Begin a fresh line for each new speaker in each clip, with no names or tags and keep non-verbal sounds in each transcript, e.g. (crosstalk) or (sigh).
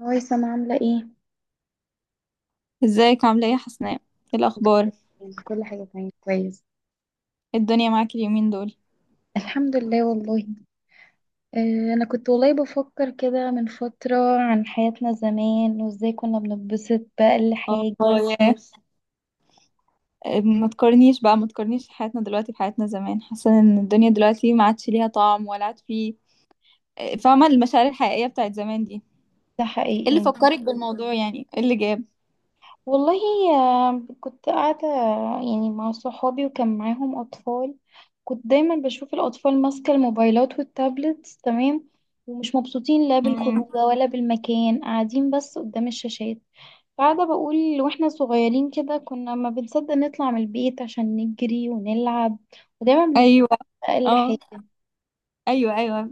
هاي سما عاملة ايه؟
ازيك عاملة ايه يا حسناء؟ ايه الأخبار؟
كل حاجة تمام كويس.
ايه الدنيا معاك اليومين دول؟
الحمد لله والله. أنا كنت والله بفكر كده من فترة عن حياتنا زمان وازاي كنا بنتبسط بأقل حاجة.
والله، وما تقارنيش بقى، ما تقارنيش حياتنا دلوقتي بحياتنا زمان. حاسة ان الدنيا دلوقتي ما عادش ليها طعم ولا عاد في. فاهمة المشاعر الحقيقية بتاعت زمان دي؟ ايه
ده
اللي
حقيقي.
فكرك بالموضوع؟ ايه اللي جاب؟
والله، كنت قاعدة، يعني مع صحابي وكان معاهم أطفال. كنت دايما بشوف الأطفال ماسكة الموبايلات والتابلتس، تمام. ومش مبسوطين لا
مم.
بالخروجة ولا بالمكان، قاعدين بس قدام الشاشات. قاعدة بقول واحنا صغيرين كده كنا ما بنصدق نطلع من البيت عشان نجري ونلعب. ودايما بنستنى
ايوه.
أقل حاجة.
اه. ايوه ايوه.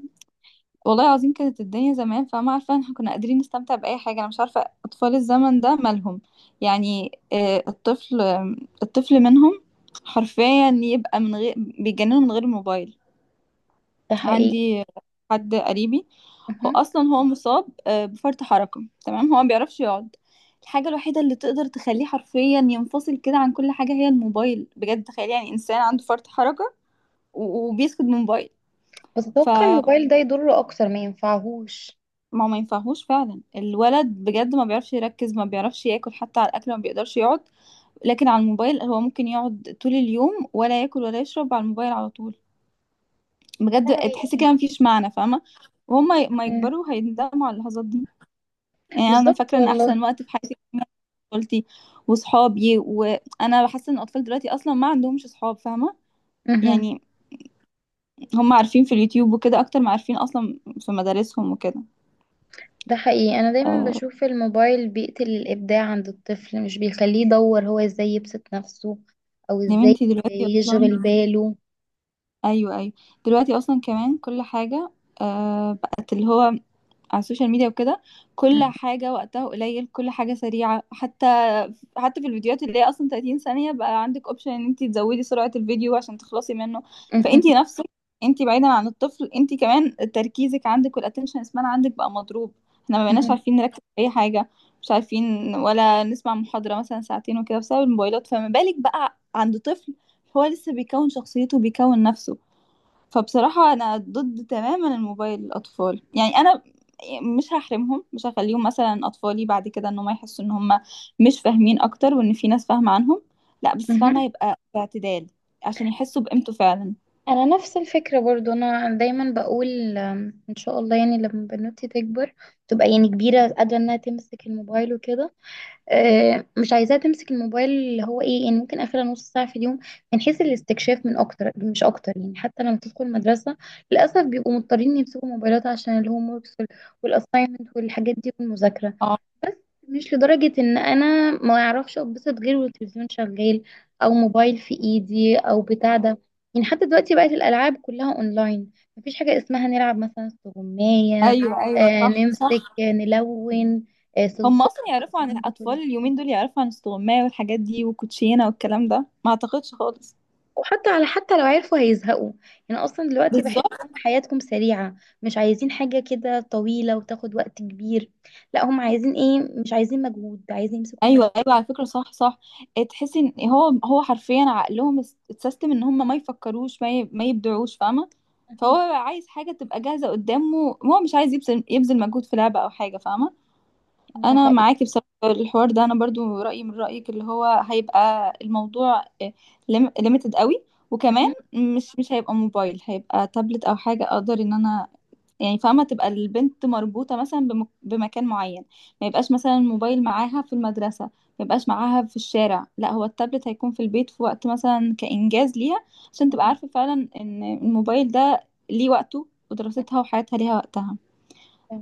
والله العظيم كانت الدنيا زمان، فما عارفة، احنا كنا قادرين نستمتع بأي حاجة. أنا مش عارفة أطفال الزمن ده مالهم. الطفل، الطفل منهم حرفيا يبقى من غير، بيتجننوا من غير الموبايل.
ده حقيقي.
عندي حد قريبي، هو
مهم.
أصلا هو مصاب بفرط حركة، تمام؟ هو ما بيعرفش يقعد. الحاجة الوحيدة اللي تقدر تخليه حرفيا ينفصل كده عن كل حاجة هي الموبايل. بجد تخيل يعني إنسان عنده فرط حركة وبيسكت من موبايل.
بس اتوقع الموبايل ده يضره اكتر ما ينفعهوش.
ما هو ما ينفعهوش فعلا. الولد بجد ما بيعرفش يركز، ما بيعرفش ياكل، حتى على الاكل ما بيقدرش يقعد. لكن على الموبايل هو ممكن يقعد طول اليوم، ولا ياكل ولا يشرب، على الموبايل على طول.
ده
بجد تحسي
حقيقي.
كده مفيش معنى، فاهمه؟ وهم ما
مم.
يكبروا هيندموا على اللحظات دي. يعني انا
بالظبط
فاكره ان
والله.
احسن وقت في حياتي كان طفولتي وصحابي، وانا حاسه ان الاطفال دلوقتي اصلا ما عندهمش صحاب، فاهمه؟
مهم.
يعني هم عارفين في اليوتيوب وكده اكتر ما عارفين اصلا في مدارسهم وكده.
ده حقيقي. انا دايما
آه،
بشوف الموبايل بيقتل الابداع عند الطفل، مش بيخليه يدور هو ازاي يبسط نفسه او
يا
ازاي
بنتي دلوقتي اصلا،
يشغل باله.
ايوه ايوه، دلوقتي اصلا كمان كل حاجه بقت اللي هو على السوشيال ميديا وكده. كل
مهم.
حاجه وقتها قليل، كل حاجه سريعه، حتى في الفيديوهات اللي هي اصلا 30 ثانيه بقى عندك اوبشن ان انت تزودي سرعه الفيديو عشان تخلصي منه. فانت نفسك، انت بعيدا عن الطفل، انت كمان تركيزك عندك والاتنشن سبان عندك بقى مضروب. احنا ما بقيناش
مهم.
عارفين نركز في اي حاجه، مش عارفين ولا نسمع محاضره مثلا ساعتين وكده بسبب الموبايلات، فما بالك بقى عند طفل هو لسه بيكون شخصيته، بيكون نفسه. فبصراحة أنا ضد تماما الموبايل للأطفال. يعني أنا مش هحرمهم، مش هخليهم مثلا أطفالي بعد كده إن هم يحسوا إن هم مش فاهمين أكتر وإن في ناس فاهمة عنهم. لا، بس
مهم.
فاهمة يبقى باعتدال عشان يحسوا بقيمته فعلا.
انا نفس الفكره برضو، انا دايما بقول ان شاء الله يعني لما بنوتي تكبر تبقى يعني كبيره قادره انها تمسك الموبايل وكده، مش عايزاها تمسك الموبايل اللي هو ايه، يعني ممكن اخرها نص ساعه في اليوم من حيث الاستكشاف، من اكتر مش اكتر. يعني حتى لما تدخل مدرسه، للاسف بيبقوا مضطرين يمسكوا موبايلات عشان الهوم وركس والاساينمنت والحاجات دي والمذاكره.
اه.
مش لدرجة ان انا ما اعرفش اتبسط غير والتلفزيون شغال او موبايل في ايدي او بتاع ده. يعني حتى دلوقتي بقت الالعاب كلها اونلاين، مفيش حاجة اسمها نلعب مثلا استغماية،
أيوه أيوه، صح
نمسك،
صح.
نلون،
هم
صلصال،
أصلا يعرفوا عن
الكلام ده
الأطفال
كله.
اليومين دول، يعرفوا عن استغماية والحاجات دي والكوتشينة والكلام ده؟ ما أعتقدش خالص.
وحتى على، حتى لو عرفوا هيزهقوا. يعني اصلا دلوقتي
بالظبط.
بحسهم حياتكم سريعة، مش عايزين حاجة كده طويلة وتاخد وقت كبير. لا هم عايزين ايه، مش عايزين مجهود، عايزين يمسكوا الموبايل.
ايوه ايوه، على فكره صح صح. إيه، تحسي ان هو هو حرفيا عقلهم اتسيستم ان هم ما يفكروش، ما يبدعوش، فاهمه؟ فهو
أها،
عايز حاجه تبقى جاهزه قدامه، هو مش عايز يبذل مجهود في لعبه او حاجه، فاهمه؟
ده
انا
حقيقي.
معاكي بصراحه في الحوار ده، انا برضو رايي من رايك، اللي هو هيبقى الموضوع ليميتد قوي. وكمان
أها،
مش هيبقى موبايل، هيبقى تابلت او حاجه اقدر ان انا، يعني فاهمة، تبقى البنت مربوطة مثلا بمكان معين. ما يبقاش مثلا الموبايل معاها في المدرسة، ما يبقاش معاها في الشارع. لا، هو التابلت هيكون في البيت في وقت مثلا كإنجاز ليها، عشان تبقى
أها.
عارفة فعلا ان الموبايل ده ليه وقته، ودراستها وحياتها ليها وقتها.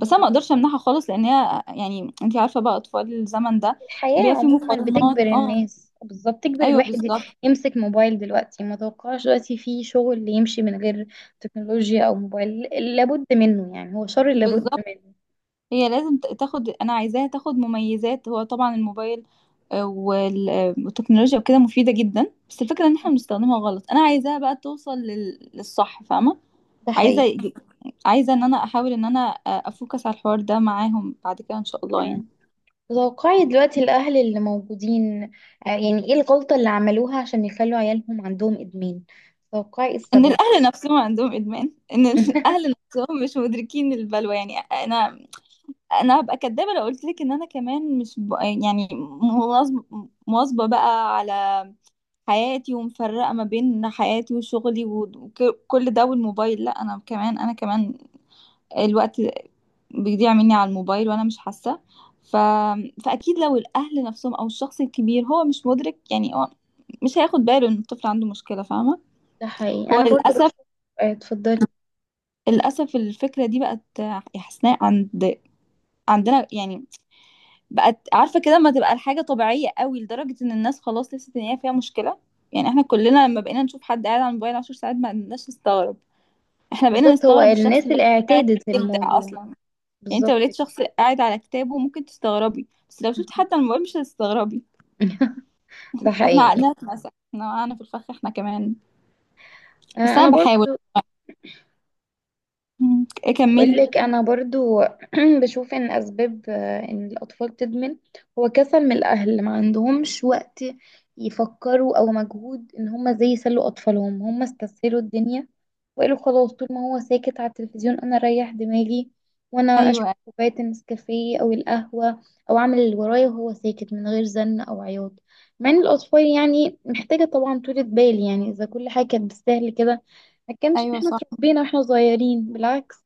بس انا ما اقدرش امنعها خالص، لان هي يعني انتي عارفة بقى اطفال الزمن ده
الحياة
بيبقى في
عموما بتجبر
مقارنات. اه،
الناس، بالظبط تجبر
ايوه
الواحد
بالظبط.
يمسك موبايل. دلوقتي ما توقعش دلوقتي في شغل يمشي من غير تكنولوجيا او موبايل، لابد منه، يعني هو شر لابد
بالظبط،
منه.
هي لازم تاخد، انا عايزاها تاخد مميزات. هو طبعا الموبايل والتكنولوجيا وكده مفيدة جدا، بس الفكرة ان احنا بنستخدمها غلط. انا عايزاها بقى توصل لل... للصح، فاهمة؟
ده حقيقي.
عايزة، ان انا احاول ان انا افوكس على الحوار ده معاهم بعد كده ان شاء الله
مم.
يعني.
توقعي دلوقتي الأهل اللي موجودين يعني ايه الغلطة اللي عملوها عشان يخلوا عيالهم عندهم إدمان، توقعي إيه
ان
السبب؟
الاهل نفسهم عندهم ادمان، ان الاهل
(laughs)
نفسهم مش مدركين البلوى. يعني انا، انا هبقى كدابة لو قلت لك ان انا كمان مش ب... يعني مواظبة بقى على حياتي ومفرقة ما بين حياتي وشغلي وكل ده والموبايل. لا انا كمان، انا كمان الوقت بيضيع مني على الموبايل وانا مش حاسه. ف... فاكيد لو الاهل نفسهم او الشخص الكبير هو مش مدرك، يعني هو مش هياخد باله ان الطفل عنده مشكله، فاهمه؟
ده حقيقي.
هو
أنا برضو
للاسف،
بشوف، اتفضلي.
للاسف الفكره دي بقت يا حسناء عند عندنا، يعني بقت عارفه كده، لما تبقى الحاجه طبيعيه قوي لدرجه ان الناس خلاص لسه ان هي فيها مشكله. يعني احنا كلنا لما بقينا نشوف حد قاعد على الموبايل عشر ساعات ما بقيناش نستغرب. احنا بقينا
بالظبط، هو
نستغرب الشخص
الناس
اللي هو
اللي
قاعد
اعتادت
يبدع
الموضوع.
اصلا. يعني انت لو
بالظبط
لقيت شخص قاعد على كتابه ممكن تستغربي، بس لو شفت
كده.
حد على الموبايل مش هتستغربي.
(laughs) ده
احنا
حقيقي.
عقلنا اتمسح، احنا وقعنا في الفخ احنا كمان. بس
انا
انا بحاول.
برضو
مم. اكملي.
بقولك انا برضو (clears throat) بشوف ان اسباب ان الاطفال تدمن هو كسل من الاهل، ما عندهمش وقت يفكروا او مجهود ان هم ازاي يسلوا اطفالهم، هم استسهلوا الدنيا وقالوا خلاص طول ما هو ساكت على التلفزيون انا اريح دماغي وانا اشرب
ايوه
كوبايه النسكافيه او القهوه او اعمل اللي ورايا، وهو ساكت من غير زن او عياط. مع ان الاطفال يعني محتاجه طبعا طولة بال، يعني اذا كل حاجه كانت بالسهل كده ما كانش
ايوه
احنا
صح.
اتربينا واحنا صغيرين، بالعكس.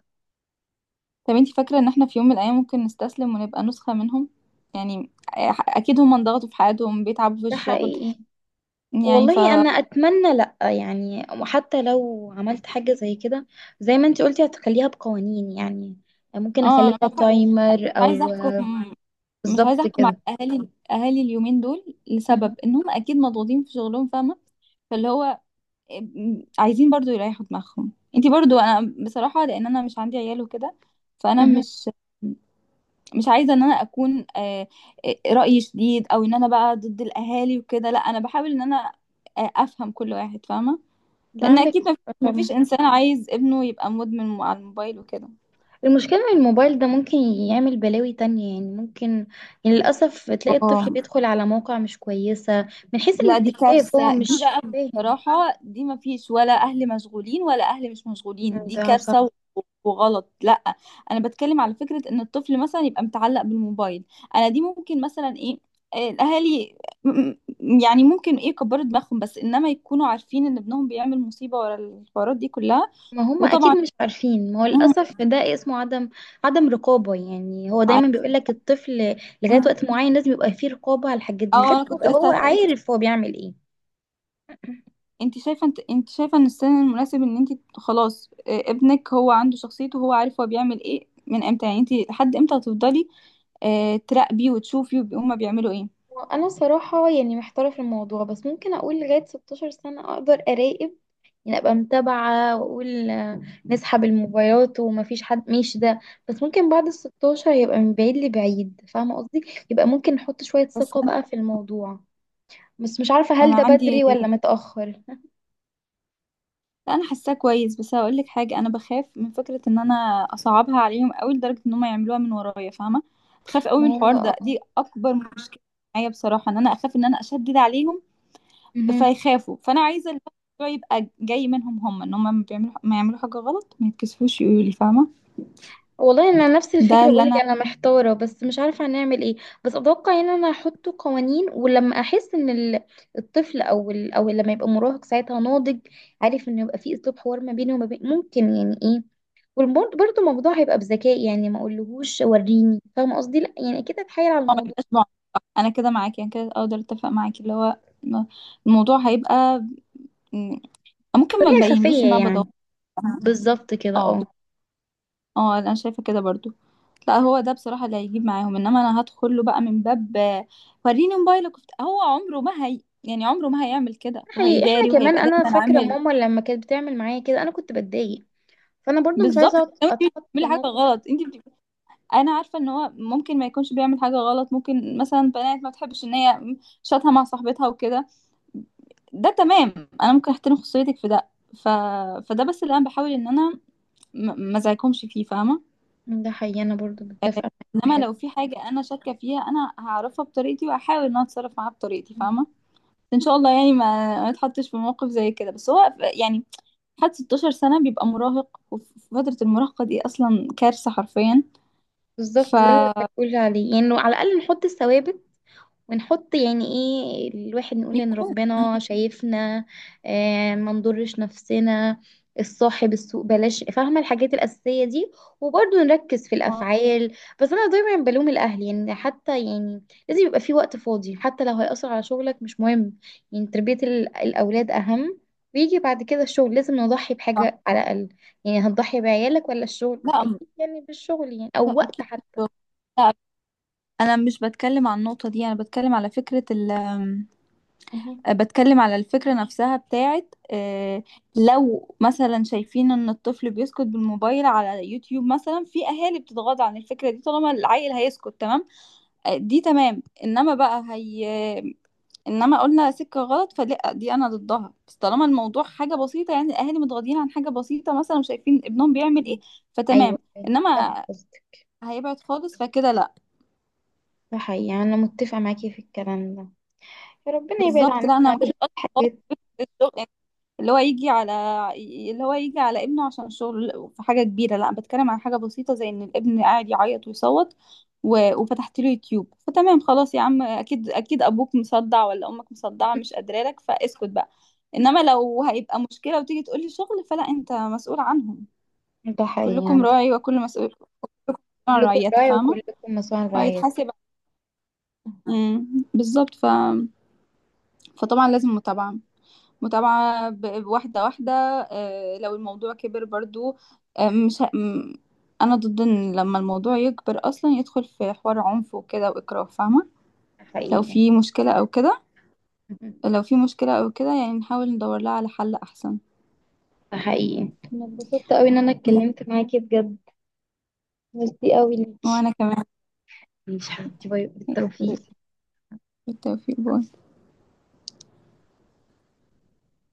طب انت فاكره ان احنا في يوم من الايام ممكن نستسلم ونبقى نسخه منهم؟ يعني اكيد هم انضغطوا في حياتهم، بيتعبوا في
ده
الشغل،
حقيقي.
يعني ف
والله انا اتمنى لا، يعني وحتى لو عملت حاجه زي كده زي ما انت قلتي هتخليها بقوانين، يعني ممكن
اه
اخلي
انا
لها
بح...
تايمر
عايزه
او
احكم، مش عايزه
بالظبط
احكم على
كده.
اهالي، اهالي اليومين دول، لسبب
مهم.
ان هم اكيد مضغوطين في شغلهم، فاهمه؟ فاللي هو عايزين برضو يريحوا دماغهم، انتي برضو، انا بصراحة لان انا مش عندي عيال وكده، فانا
مهم.
مش، مش عايزة ان انا اكون رأيي شديد او ان انا بقى ضد الاهالي وكده. لا انا بحاول ان انا افهم كل واحد، فاهمة؟
ده
لان
عندك
اكيد
حق طبعا.
مفيش انسان عايز ابنه يبقى مدمن على الموبايل وكده.
المشكله ان الموبايل ده ممكن يعمل بلاوي تانية، يعني ممكن، يعني للاسف تلاقي الطفل
اه.
بيدخل على مواقع مش كويسه من حيث
لا دي
الاستكشاف، هو
كارثة دي
مش
بقى،
فاهم.
بصراحة. دي ما فيش ولا أهل مشغولين ولا أهل مش مشغولين، دي
ده صح.
كارثة وغلط. لا أنا بتكلم على فكرة إن الطفل مثلا يبقى متعلق بالموبايل. أنا دي ممكن مثلا إيه، الأهالي م- يعني ممكن إيه يكبروا دماغهم، بس إنما يكونوا عارفين إن ابنهم بيعمل مصيبة ورا الحوارات دي كلها.
ما هم اكيد
وطبعا،
مش عارفين، ما هو
مم.
للاسف ده اسمه عدم، عدم رقابه. يعني هو دايما
عارف-
بيقول لك الطفل لغايه وقت معين لازم يبقى فيه رقابه على الحاجات دي
اه،
لغايه
أنا
ما
كنت
يبقى
لسه
هو
هسألك.
عارف هو بيعمل ايه.
انت شايفه، انت شايفه ان السن المناسب ان انت خلاص ابنك هو عنده شخصيته، هو عارف هو بيعمل ايه من امتى؟ يعني انت لحد امتى هتفضلي تراقبي وتشوفي هما بيعملوا ايه؟
انا صراحه يعني محتاره في الموضوع، بس ممكن اقول لغايه 16 سنه اقدر اراقب، يعني ابقى متابعه واقول نسحب الموبايلات ومفيش حد مش ده. بس ممكن بعد ال 16 يبقى من بعيد لبعيد، فاهمه قصدي؟ يبقى ممكن نحط شويه
بس
ثقه
انا
بقى في الموضوع، بس مش عارفه هل
انا
ده بدري
عندي،
ولا متاخر.
لا انا حاساه كويس، بس هقول لك حاجه، انا بخاف من فكره ان انا اصعبها عليهم قوي لدرجه ان هم يعملوها من ورايا، فاهمه؟ بخاف قوي
ما
من
هو
الحوار
اه.
ده، دي اكبر مشكله معايا بصراحه، ان انا اخاف ان انا اشدد عليهم
مهم.
فيخافوا. فانا عايزه الموضوع يبقى جاي منهم هم، ان هم ما بيعملوا، ما يعملوا حاجه غلط ما يتكسفوش يقولوا لي، فاهمه؟
والله انا نفس
ده
الفكره،
اللي
بقولك
انا
انا محتاره بس مش عارفه هنعمل ايه. بس اتوقع ان انا هحط قوانين، ولما احس ان الطفل او لما يبقى مراهق ساعتها ناضج عارف، ان يبقى في اسلوب حوار ما بينه وما بين، ممكن يعني ايه، وبرضه الموضوع هيبقى بذكاء، يعني ما اقولهوش وريني، فاهمه قصدي؟ لا يعني اكيد اتحايل على
اه ما
الموضوع
يبقاش نوع، انا كده معاكي، انا كده اقدر اتفق معاكي، اللي هو إنه الموضوع هيبقى م- ممكن ما
بطريقه
نبينلوش
خفيه
ان انا بدور.
يعني. بالظبط كده
اه ب-
اه.
اه انا شايفه كده برضو. لا هو ده بصراحه اللي هيجيب معاهم، انما انا هدخل له بقى من باب وريني موبايلك هو عمره ما، هي يعني عمره ما هيعمل كده،
حقيقي احنا
وهيداري
كمان،
وهيبقى
انا
دايما
فاكره
عامل.
ماما لما كانت بتعمل معايا كده انا كنت بتضايق، فانا برضو مش
بالظبط.
عايزه
انت
اتحط في
بتعملي حاجه
الموقف.
غلط، انت بت... انا عارفه ان هو ممكن ما يكونش بيعمل حاجه غلط، ممكن مثلا بنات ما تحبش ان هي شاتها مع صاحبتها وكده، ده تمام، انا ممكن احترم خصوصيتك في ده. ف... فده بس اللي انا بحاول ان انا ما ازعجكمش فيه، فاهمه؟
ده حقيقي، انا برضو متفقه معاك في
انما
الحتة.
لو في حاجه انا شاكه فيها انا هعرفها بطريقتي، وهحاول ان انا اتصرف معاها بطريقتي، فاهمه؟ ان شاء الله يعني ما، ما اتحطش في موقف زي كده. بس هو يعني حد 16 سنه بيبقى مراهق، وفي فتره المراهقه دي اصلا كارثه حرفيا.
بالظبط، ده اللي
فيكون
بقول عليه. يعني لو على الاقل نحط الثوابت، ونحط يعني ايه، الواحد نقول ان ربنا شايفنا، آه ما نضرش نفسنا، الصاحب السوق بلاش، فاهمة، الحاجات الأساسية دي. وبرضه نركز في الأفعال. بس أنا دايما بلوم الأهل يعني، حتى يعني لازم يبقى في وقت فاضي حتى لو هيأثر على شغلك مش مهم. يعني تربية الأولاد أهم، ويجي بعد كده الشغل. لازم نضحي
صح.
بحاجة على الأقل، يعني هتضحي بعيالك ولا الشغل؟
لا،
أكيد يعني بالشغل، يعني
لا
أو وقت
اكيد مش
حتى.
شغل. لا انا مش بتكلم عن النقطه دي، انا بتكلم على فكره،
مهم.
بتكلم على الفكرة نفسها بتاعت لو مثلا شايفين ان الطفل بيسكت بالموبايل على يوتيوب مثلا، في اهالي بتتغاضى عن الفكرة دي طالما العيل هيسكت، تمام دي تمام. انما بقى هي، انما قلنا سكة غلط فلا دي انا ضدها. بس طالما الموضوع حاجة بسيطة يعني الاهالي متغاضين عن حاجة بسيطة، مثلا شايفين ابنهم بيعمل ايه، فتمام.
أيوه فاهمة
انما
قصدك.
هيبعد خالص فكده لا.
ده حقيقي، أنا متفقة معاكي في الكلام ده. ربنا يبعد
بالظبط. لا انا
عننا
ما كانش قصدي
الحاجات.
خالص اللي هو يجي على، اللي هو يجي على ابنه عشان شغل في حاجة كبيرة، لا بتكلم عن حاجة بسيطة زي ان الابن قاعد يعيط ويصوت و... وفتحت له يوتيوب فتمام، خلاص يا عم، اكيد اكيد ابوك مصدع ولا امك مصدعة مش قادرة لك، فاسكت بقى. انما لو هيبقى مشكلة وتيجي تقولي شغل فلا، انت مسؤول عنهم.
ده حقيقي
كلكم
عندك.
راعي وكل مسؤول، كلكم عن
كلكم
رعيته،
راعي
فاهمة؟
وكلكم مسؤول عن رعيته.
وهيتحاسب. مم، بالظبط. ف... فطبعا لازم متابعة، متابعة واحدة واحدة. لو الموضوع كبر برضو آه، مش ه- م- أنا ضد إن لما الموضوع يكبر أصلا يدخل في حوار عنف وكده وإكراه، فاهمة؟
ده
لو
حقيقي
في
عندك.
مشكلة أو كده، لو في مشكلة أو كده، يعني نحاول ندور لها على حل أحسن.
ده حقيقي، أنا اتبسطت أوي إن أنا اتكلمت معاكي بجد. ميرسي أوي ليكي.
وأنا كمان.
ماشي حبيبتي، باي، بالتوفيق.
بالتوفيق.